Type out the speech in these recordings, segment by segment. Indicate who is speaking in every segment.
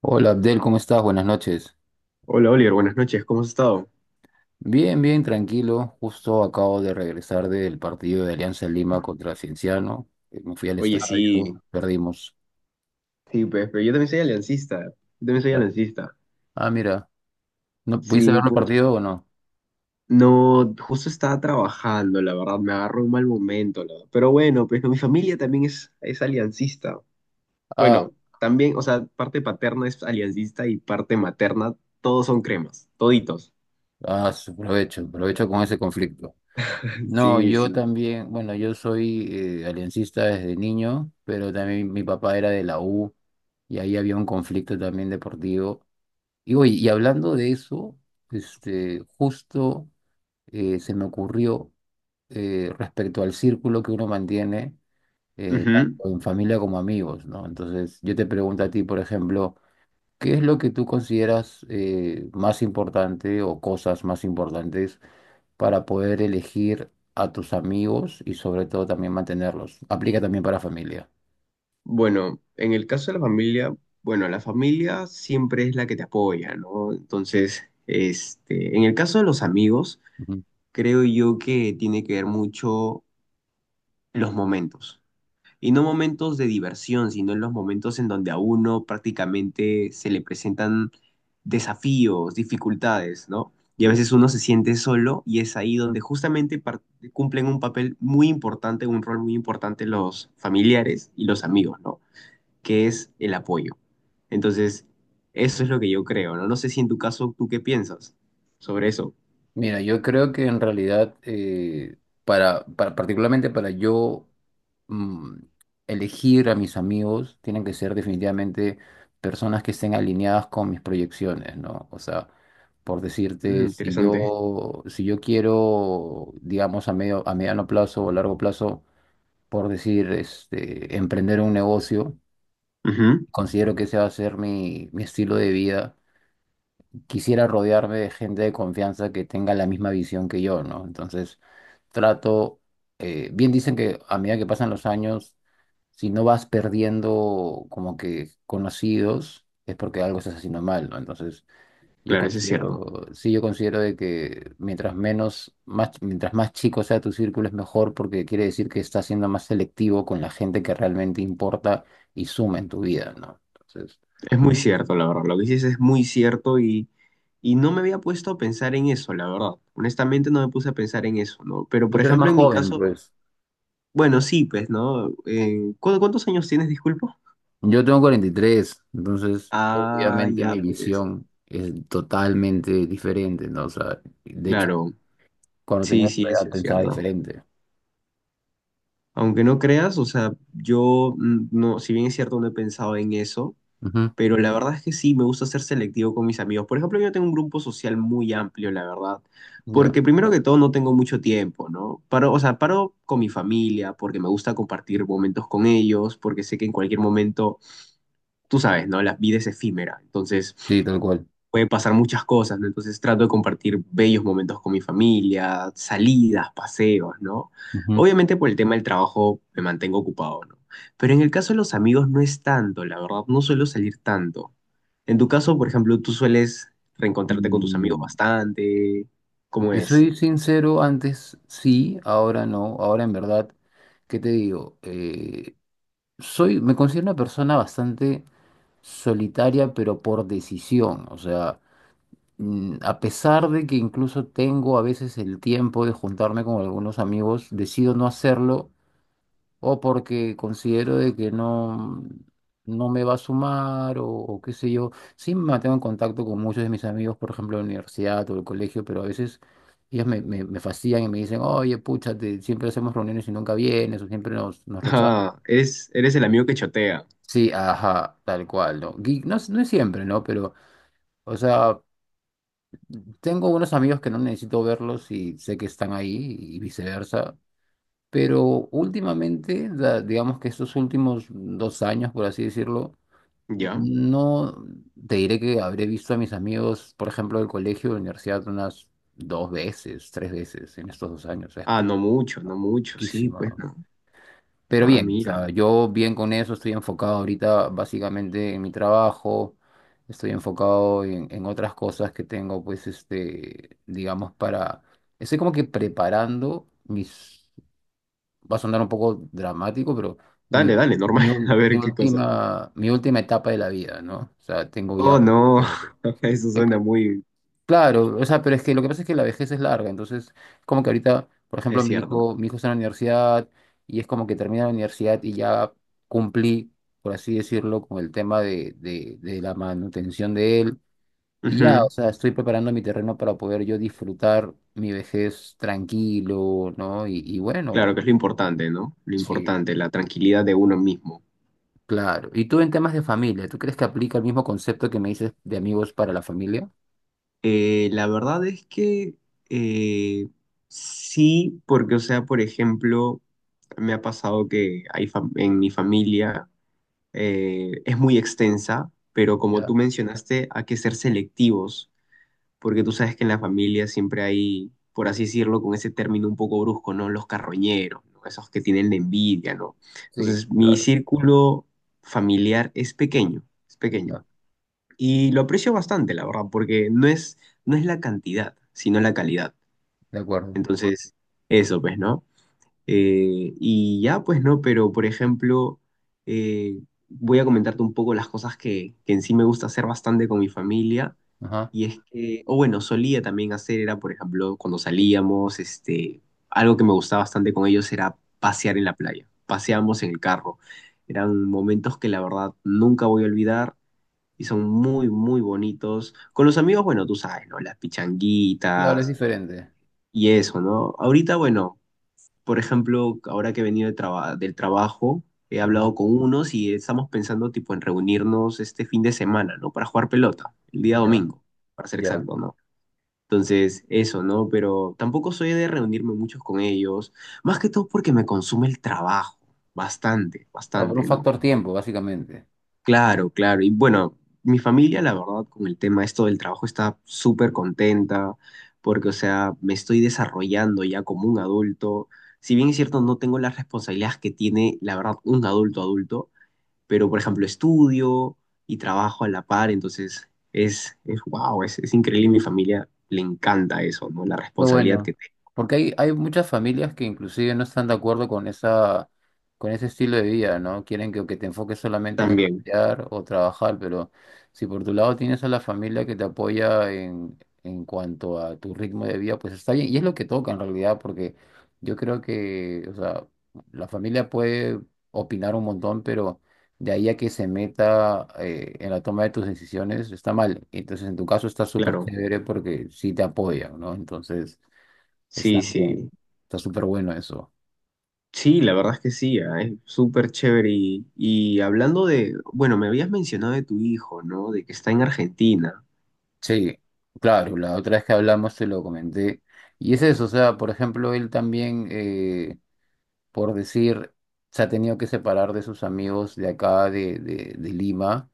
Speaker 1: Hola Abdel, ¿cómo estás? Buenas noches.
Speaker 2: Hola Oliver, buenas noches, ¿cómo has estado?
Speaker 1: Bien, bien, tranquilo. Justo acabo de regresar del partido de Alianza Lima contra Cienciano. Me fui al
Speaker 2: Oye, sí,
Speaker 1: estadio, perdimos.
Speaker 2: sí, pues, pero yo también soy aliancista, yo también soy
Speaker 1: Ya.
Speaker 2: aliancista.
Speaker 1: Ah, mira, ¿no pudiste
Speaker 2: Sí,
Speaker 1: ver el
Speaker 2: pucha.
Speaker 1: partido o no?
Speaker 2: No, justo estaba trabajando, la verdad, me agarró un mal momento, la verdad. Pero bueno, pues no, mi familia también es aliancista.
Speaker 1: Ah,
Speaker 2: Bueno, también, o sea, parte paterna es aliancista y parte materna, todos son cremas, toditos.
Speaker 1: Aprovecho, aprovecho con ese conflicto. No,
Speaker 2: Sí,
Speaker 1: yo
Speaker 2: sí.
Speaker 1: también, bueno, yo soy aliancista desde niño, pero también mi papá era de la U y ahí había un conflicto también deportivo. Y oye, y hablando de eso, este, justo. Se me ocurrió, respecto al círculo que uno mantiene, tanto
Speaker 2: Ujú.
Speaker 1: en familia como amigos, ¿no? Entonces, yo te pregunto a ti, por ejemplo, ¿qué es lo que tú consideras, más importante o cosas más importantes para poder elegir a tus amigos y sobre todo también mantenerlos? Aplica también para familia.
Speaker 2: Bueno, en el caso de la familia, bueno, la familia siempre es la que te apoya, ¿no? Entonces, este, en el caso de los amigos,
Speaker 1: Ujú.
Speaker 2: creo yo que tiene que ver mucho los momentos. Y no momentos de diversión, sino en los momentos en donde a uno prácticamente se le presentan desafíos, dificultades, ¿no? Y a veces uno se siente solo y es ahí donde justamente cumplen un papel muy importante, un rol muy importante los familiares y los amigos, ¿no? Que es el apoyo. Entonces, eso es lo que yo creo, ¿no? No sé si en tu caso, ¿tú qué piensas sobre eso?
Speaker 1: Mira, yo creo que en realidad, particularmente para yo, mm, elegir a mis amigos, tienen que ser definitivamente personas que estén alineadas con mis proyecciones, ¿no? O sea, por
Speaker 2: Mm,
Speaker 1: decirte,
Speaker 2: interesante.
Speaker 1: si yo quiero, digamos, a mediano plazo o largo plazo, por decir, este, emprender un negocio,
Speaker 2: Ujú.
Speaker 1: considero que ese va a ser mi estilo de vida. Quisiera rodearme de gente de confianza que tenga la misma visión que yo, ¿no? Entonces, trato, bien dicen que a medida que pasan los años, si no vas perdiendo como que conocidos, es porque algo estás haciendo mal, ¿no? Entonces, yo
Speaker 2: Claro, eso es cierto.
Speaker 1: considero, sí, yo considero de que mientras más chico sea tu círculo es mejor porque quiere decir que estás siendo más selectivo con la gente que realmente importa y suma en tu vida, ¿no? Entonces,
Speaker 2: Es muy cierto, la verdad. Lo que dices es muy cierto y no me había puesto a pensar en eso, la verdad. Honestamente, no me puse a pensar en eso, ¿no? Pero,
Speaker 1: pues
Speaker 2: por
Speaker 1: tú eres
Speaker 2: ejemplo,
Speaker 1: más
Speaker 2: en mi
Speaker 1: joven,
Speaker 2: caso,
Speaker 1: pues.
Speaker 2: bueno, sí, pues, ¿no? ¿Cuántos años tienes, disculpa?
Speaker 1: Yo tengo 43 entonces. Ah,
Speaker 2: Ah,
Speaker 1: obviamente
Speaker 2: ya,
Speaker 1: mi
Speaker 2: pues,
Speaker 1: visión es totalmente diferente, ¿no? O sea, de hecho,
Speaker 2: claro.
Speaker 1: cuando tenía
Speaker 2: Sí, sí,
Speaker 1: esa
Speaker 2: eso
Speaker 1: edad
Speaker 2: es
Speaker 1: pensaba
Speaker 2: cierto.
Speaker 1: diferente.
Speaker 2: Aunque no creas, o sea, yo no, si bien es cierto, no he pensado en eso,
Speaker 1: Ujú.
Speaker 2: pero la verdad es que sí, me gusta ser selectivo con mis amigos. Por ejemplo, yo tengo un grupo social muy amplio, la verdad,
Speaker 1: Ya.
Speaker 2: porque primero que todo no tengo mucho tiempo, ¿no? Paro, o sea, paro con mi familia porque me gusta compartir momentos con ellos, porque sé que en cualquier momento, tú sabes, ¿no? La vida es efímera, entonces
Speaker 1: Sí, tal cual.
Speaker 2: puede pasar muchas cosas, ¿no? Entonces trato de compartir bellos momentos con mi familia, salidas, paseos, ¿no?
Speaker 1: Ujú.
Speaker 2: Obviamente por el tema del trabajo me mantengo ocupado, ¿no? Pero en el caso de los amigos no es tanto, la verdad, no suelo salir tanto. En tu caso, por ejemplo, tú sueles reencontrarte con tus amigos
Speaker 1: Mm,
Speaker 2: bastante, ¿cómo
Speaker 1: te
Speaker 2: es?
Speaker 1: soy sincero, antes sí, ahora no, ahora en verdad, ¿qué te digo? Me considero una persona bastante solitaria, pero por decisión, o sea... a pesar de que incluso tengo a veces el tiempo de juntarme con algunos amigos, decido no hacerlo o porque considero de que no me va a sumar o qué sé yo. Sí me mantengo en contacto con muchos de mis amigos, por ejemplo, de la universidad o del colegio, pero a veces ellos me fastidian y me dicen, oye, pucha, siempre hacemos reuniones y nunca vienes o nos rechazas.
Speaker 2: Ah, eres el amigo que chotea,
Speaker 1: Sí, ajá, tal cual, ¿no? Y no, no es siempre, ¿no? Pero, o sea... Tengo unos amigos que no necesito verlos y sé que están ahí y viceversa, pero últimamente, digamos que estos últimos 2 años, por así decirlo,
Speaker 2: ¿ya?
Speaker 1: no te diré que habré visto a mis amigos, por ejemplo, del colegio, de la universidad, unas dos veces, tres veces en estos 2 años, o sea, es
Speaker 2: Ah, no mucho, no mucho, sí,
Speaker 1: poquísimo,
Speaker 2: pues
Speaker 1: ¿no?
Speaker 2: no.
Speaker 1: Pero
Speaker 2: Ah,
Speaker 1: bien, o
Speaker 2: mira.
Speaker 1: sea, yo bien con eso, estoy enfocado ahorita básicamente en mi trabajo, estoy enfocado en otras cosas que tengo, pues, este, digamos, para... Estoy como que preparando mis... Va a sonar un poco dramático, pero mi,
Speaker 2: Dale, dale, normal. A ver qué cosa.
Speaker 1: mi última etapa de la vida, ¿no? O sea, tengo ya...
Speaker 2: Oh, no.
Speaker 1: o-
Speaker 2: Eso
Speaker 1: He
Speaker 2: suena muy.
Speaker 1: Claro, o sea, pero es que lo que pasa es que la vejez es larga, entonces como que ahorita, por ejemplo,
Speaker 2: Es cierto.
Speaker 1: mi hijo está en la universidad y es como que termina la universidad y ya cumplí, por así decirlo, con el tema de la manutención de él y ya, o
Speaker 2: Ujú.
Speaker 1: sea, estoy preparando mi terreno para poder yo disfrutar mi vejez tranquilo, ¿no? Y bueno,
Speaker 2: Claro que es lo importante, ¿no? Lo
Speaker 1: sí,
Speaker 2: importante, la tranquilidad de uno mismo.
Speaker 1: claro. ¿Y tú en temas de familia, tú crees que aplica el mismo concepto que me dices de amigos para la familia?
Speaker 2: La verdad es que eh, sí, porque, o sea, por ejemplo, me ha pasado que hay en mi familia es muy extensa, pero como tú
Speaker 1: Ya,
Speaker 2: mencionaste, hay que ser selectivos. Porque tú sabes que en la familia siempre hay, por así decirlo, con ese término un poco brusco, ¿no? Los carroñeros, ¿no? Esos que tienen la envidia, ¿no?
Speaker 1: sí,
Speaker 2: Entonces, mi
Speaker 1: claro.
Speaker 2: círculo familiar es pequeño, es pequeño.
Speaker 1: Ya,
Speaker 2: Y lo aprecio bastante, la verdad, porque no es la cantidad, sino la calidad.
Speaker 1: de acuerdo.
Speaker 2: Entonces, eso, pues, ¿no? Y ya, pues, ¿no? Pero, por ejemplo, eh, voy a comentarte un poco las cosas que en sí me gusta hacer bastante con mi familia.
Speaker 1: Ajá.
Speaker 2: Y es que, o bueno, solía también hacer, era por ejemplo, cuando salíamos, este, algo que me gustaba bastante con ellos era pasear en la playa. Paseábamos en el carro. Eran momentos que la verdad nunca voy a olvidar y son muy, muy bonitos. Con los amigos, bueno, tú sabes, ¿no? Las
Speaker 1: Claro, es
Speaker 2: pichanguitas
Speaker 1: diferente.
Speaker 2: y eso, ¿no? Ahorita, bueno, por ejemplo, ahora que he venido de del trabajo, he
Speaker 1: Ajá,
Speaker 2: hablado con unos y estamos pensando tipo en reunirnos este fin de semana, ¿no? Para jugar pelota, el día
Speaker 1: ya,
Speaker 2: domingo, para ser
Speaker 1: ya.
Speaker 2: exacto, ¿no? Entonces, eso, ¿no? Pero tampoco soy de reunirme muchos con ellos, más que todo porque me consume el trabajo, bastante,
Speaker 1: O sea, por
Speaker 2: bastante,
Speaker 1: un
Speaker 2: ¿no?
Speaker 1: factor tiempo, básicamente.
Speaker 2: Claro, claro. Y bueno, mi familia, la verdad, con el tema esto del trabajo está súper contenta, porque, o sea, me estoy desarrollando ya como un adulto. Si bien es cierto, no tengo las responsabilidades que tiene, la verdad, un adulto adulto, pero por ejemplo estudio y trabajo a la par, entonces es, wow, es increíble. Mi familia le encanta eso, ¿no? La
Speaker 1: Lo
Speaker 2: responsabilidad
Speaker 1: bueno,
Speaker 2: que te
Speaker 1: porque hay muchas familias que inclusive no están de acuerdo con esa, con ese estilo de vida, ¿no? Quieren que te enfoques solamente en
Speaker 2: también,
Speaker 1: estudiar o trabajar, pero si por tu lado tienes a la familia que te apoya en cuanto a tu ritmo de vida, pues está bien. Y es lo que toca en realidad, porque yo creo que, o sea, la familia puede opinar un montón, pero de ahí a que se meta, en la toma de tus decisiones, está mal. Entonces, en tu caso está súper
Speaker 2: claro.
Speaker 1: chévere porque sí te apoyan, ¿no? Entonces, está
Speaker 2: Sí,
Speaker 1: bien,
Speaker 2: sí.
Speaker 1: está súper bueno eso.
Speaker 2: Sí, la verdad es que sí, ah, es súper chévere. Y hablando de, bueno, me habías mencionado de tu hijo, ¿no? De que está en Argentina.
Speaker 1: Sí, claro, la otra vez que hablamos te lo comenté. Y es eso, o sea, por ejemplo, él también, por decir, se ha tenido que separar de sus amigos de acá, de Lima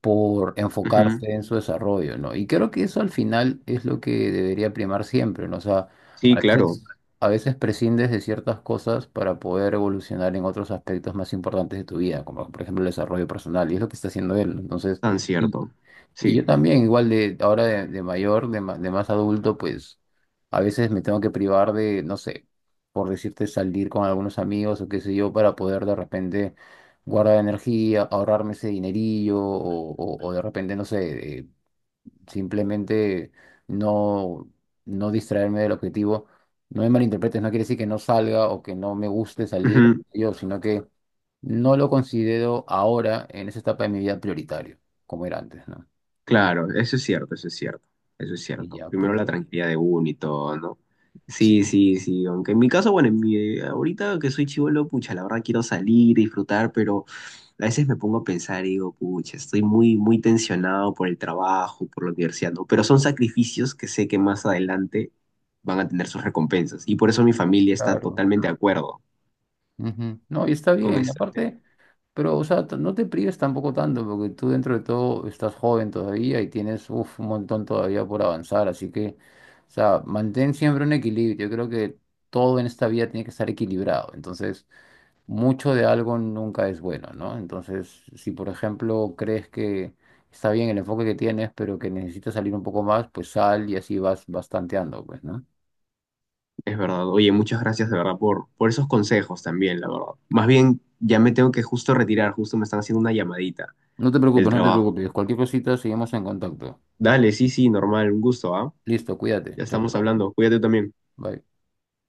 Speaker 1: por
Speaker 2: Ujú.
Speaker 1: enfocarse en su desarrollo, ¿no? Y creo que eso al final es lo que debería primar siempre, ¿no? O sea, a
Speaker 2: Sí, claro,
Speaker 1: veces, a veces prescindes de ciertas cosas para poder evolucionar en otros aspectos más importantes de tu vida, como por ejemplo el desarrollo personal, y es lo que está haciendo él, ¿no? Entonces,
Speaker 2: tan
Speaker 1: y,
Speaker 2: cierto.
Speaker 1: y yo
Speaker 2: Sí.
Speaker 1: también, igual de ahora de mayor, de más adulto, pues a veces me tengo que privar de, no sé, por decirte, salir con algunos amigos o qué sé yo, para poder de repente guardar energía, ahorrarme ese dinerillo o de repente, no sé, simplemente no, no distraerme del objetivo. No me malinterpretes, no quiere decir que no salga o que no me guste salir
Speaker 2: Ujú.
Speaker 1: yo, sino que no lo considero ahora en esa etapa de mi vida prioritario, como era antes, ¿no?
Speaker 2: Claro, eso es cierto, eso es cierto, eso es
Speaker 1: Y
Speaker 2: cierto.
Speaker 1: ya, pues,
Speaker 2: Primero la tranquilidad de uno y todo, ¿no? Sí, sí, sí, aunque en mi caso, bueno, ahorita que soy chivolo, pucha, la verdad quiero salir, disfrutar, pero a veces me pongo a pensar y digo, pucha, estoy muy, muy tensionado por el trabajo, por la universidad, ¿no? Pero son sacrificios que sé que más adelante van a tener sus recompensas y por eso mi familia está
Speaker 1: claro.
Speaker 2: totalmente de acuerdo
Speaker 1: Ujú. No, y está
Speaker 2: con
Speaker 1: bien. Y
Speaker 2: esto.
Speaker 1: aparte, pero, o sea, no te prives tampoco tanto, porque tú dentro de todo estás joven todavía y tienes uf, un montón todavía por avanzar. Así que, o sea, mantén siempre un equilibrio. Yo creo que todo en esta vida tiene que estar equilibrado. Entonces, mucho de algo nunca es bueno, ¿no? Entonces, si por ejemplo crees que está bien el enfoque que tienes, pero que necesitas salir un poco más, pues sal y así vas, vas tanteando, pues, ¿no?
Speaker 2: Es verdad. Oye, muchas gracias de verdad por esos consejos también, la verdad. Más bien, ya me tengo que justo retirar, justo me están haciendo una llamadita
Speaker 1: No te
Speaker 2: del
Speaker 1: preocupes, no te
Speaker 2: trabajo.
Speaker 1: preocupes. Cualquier cosita, seguimos en contacto.
Speaker 2: Dale, sí, sí, normal, un gusto, ¿ah?
Speaker 1: Listo, cuídate.
Speaker 2: Ya
Speaker 1: Chau,
Speaker 2: estamos
Speaker 1: chau.
Speaker 2: hablando. Cuídate también.
Speaker 1: Bye.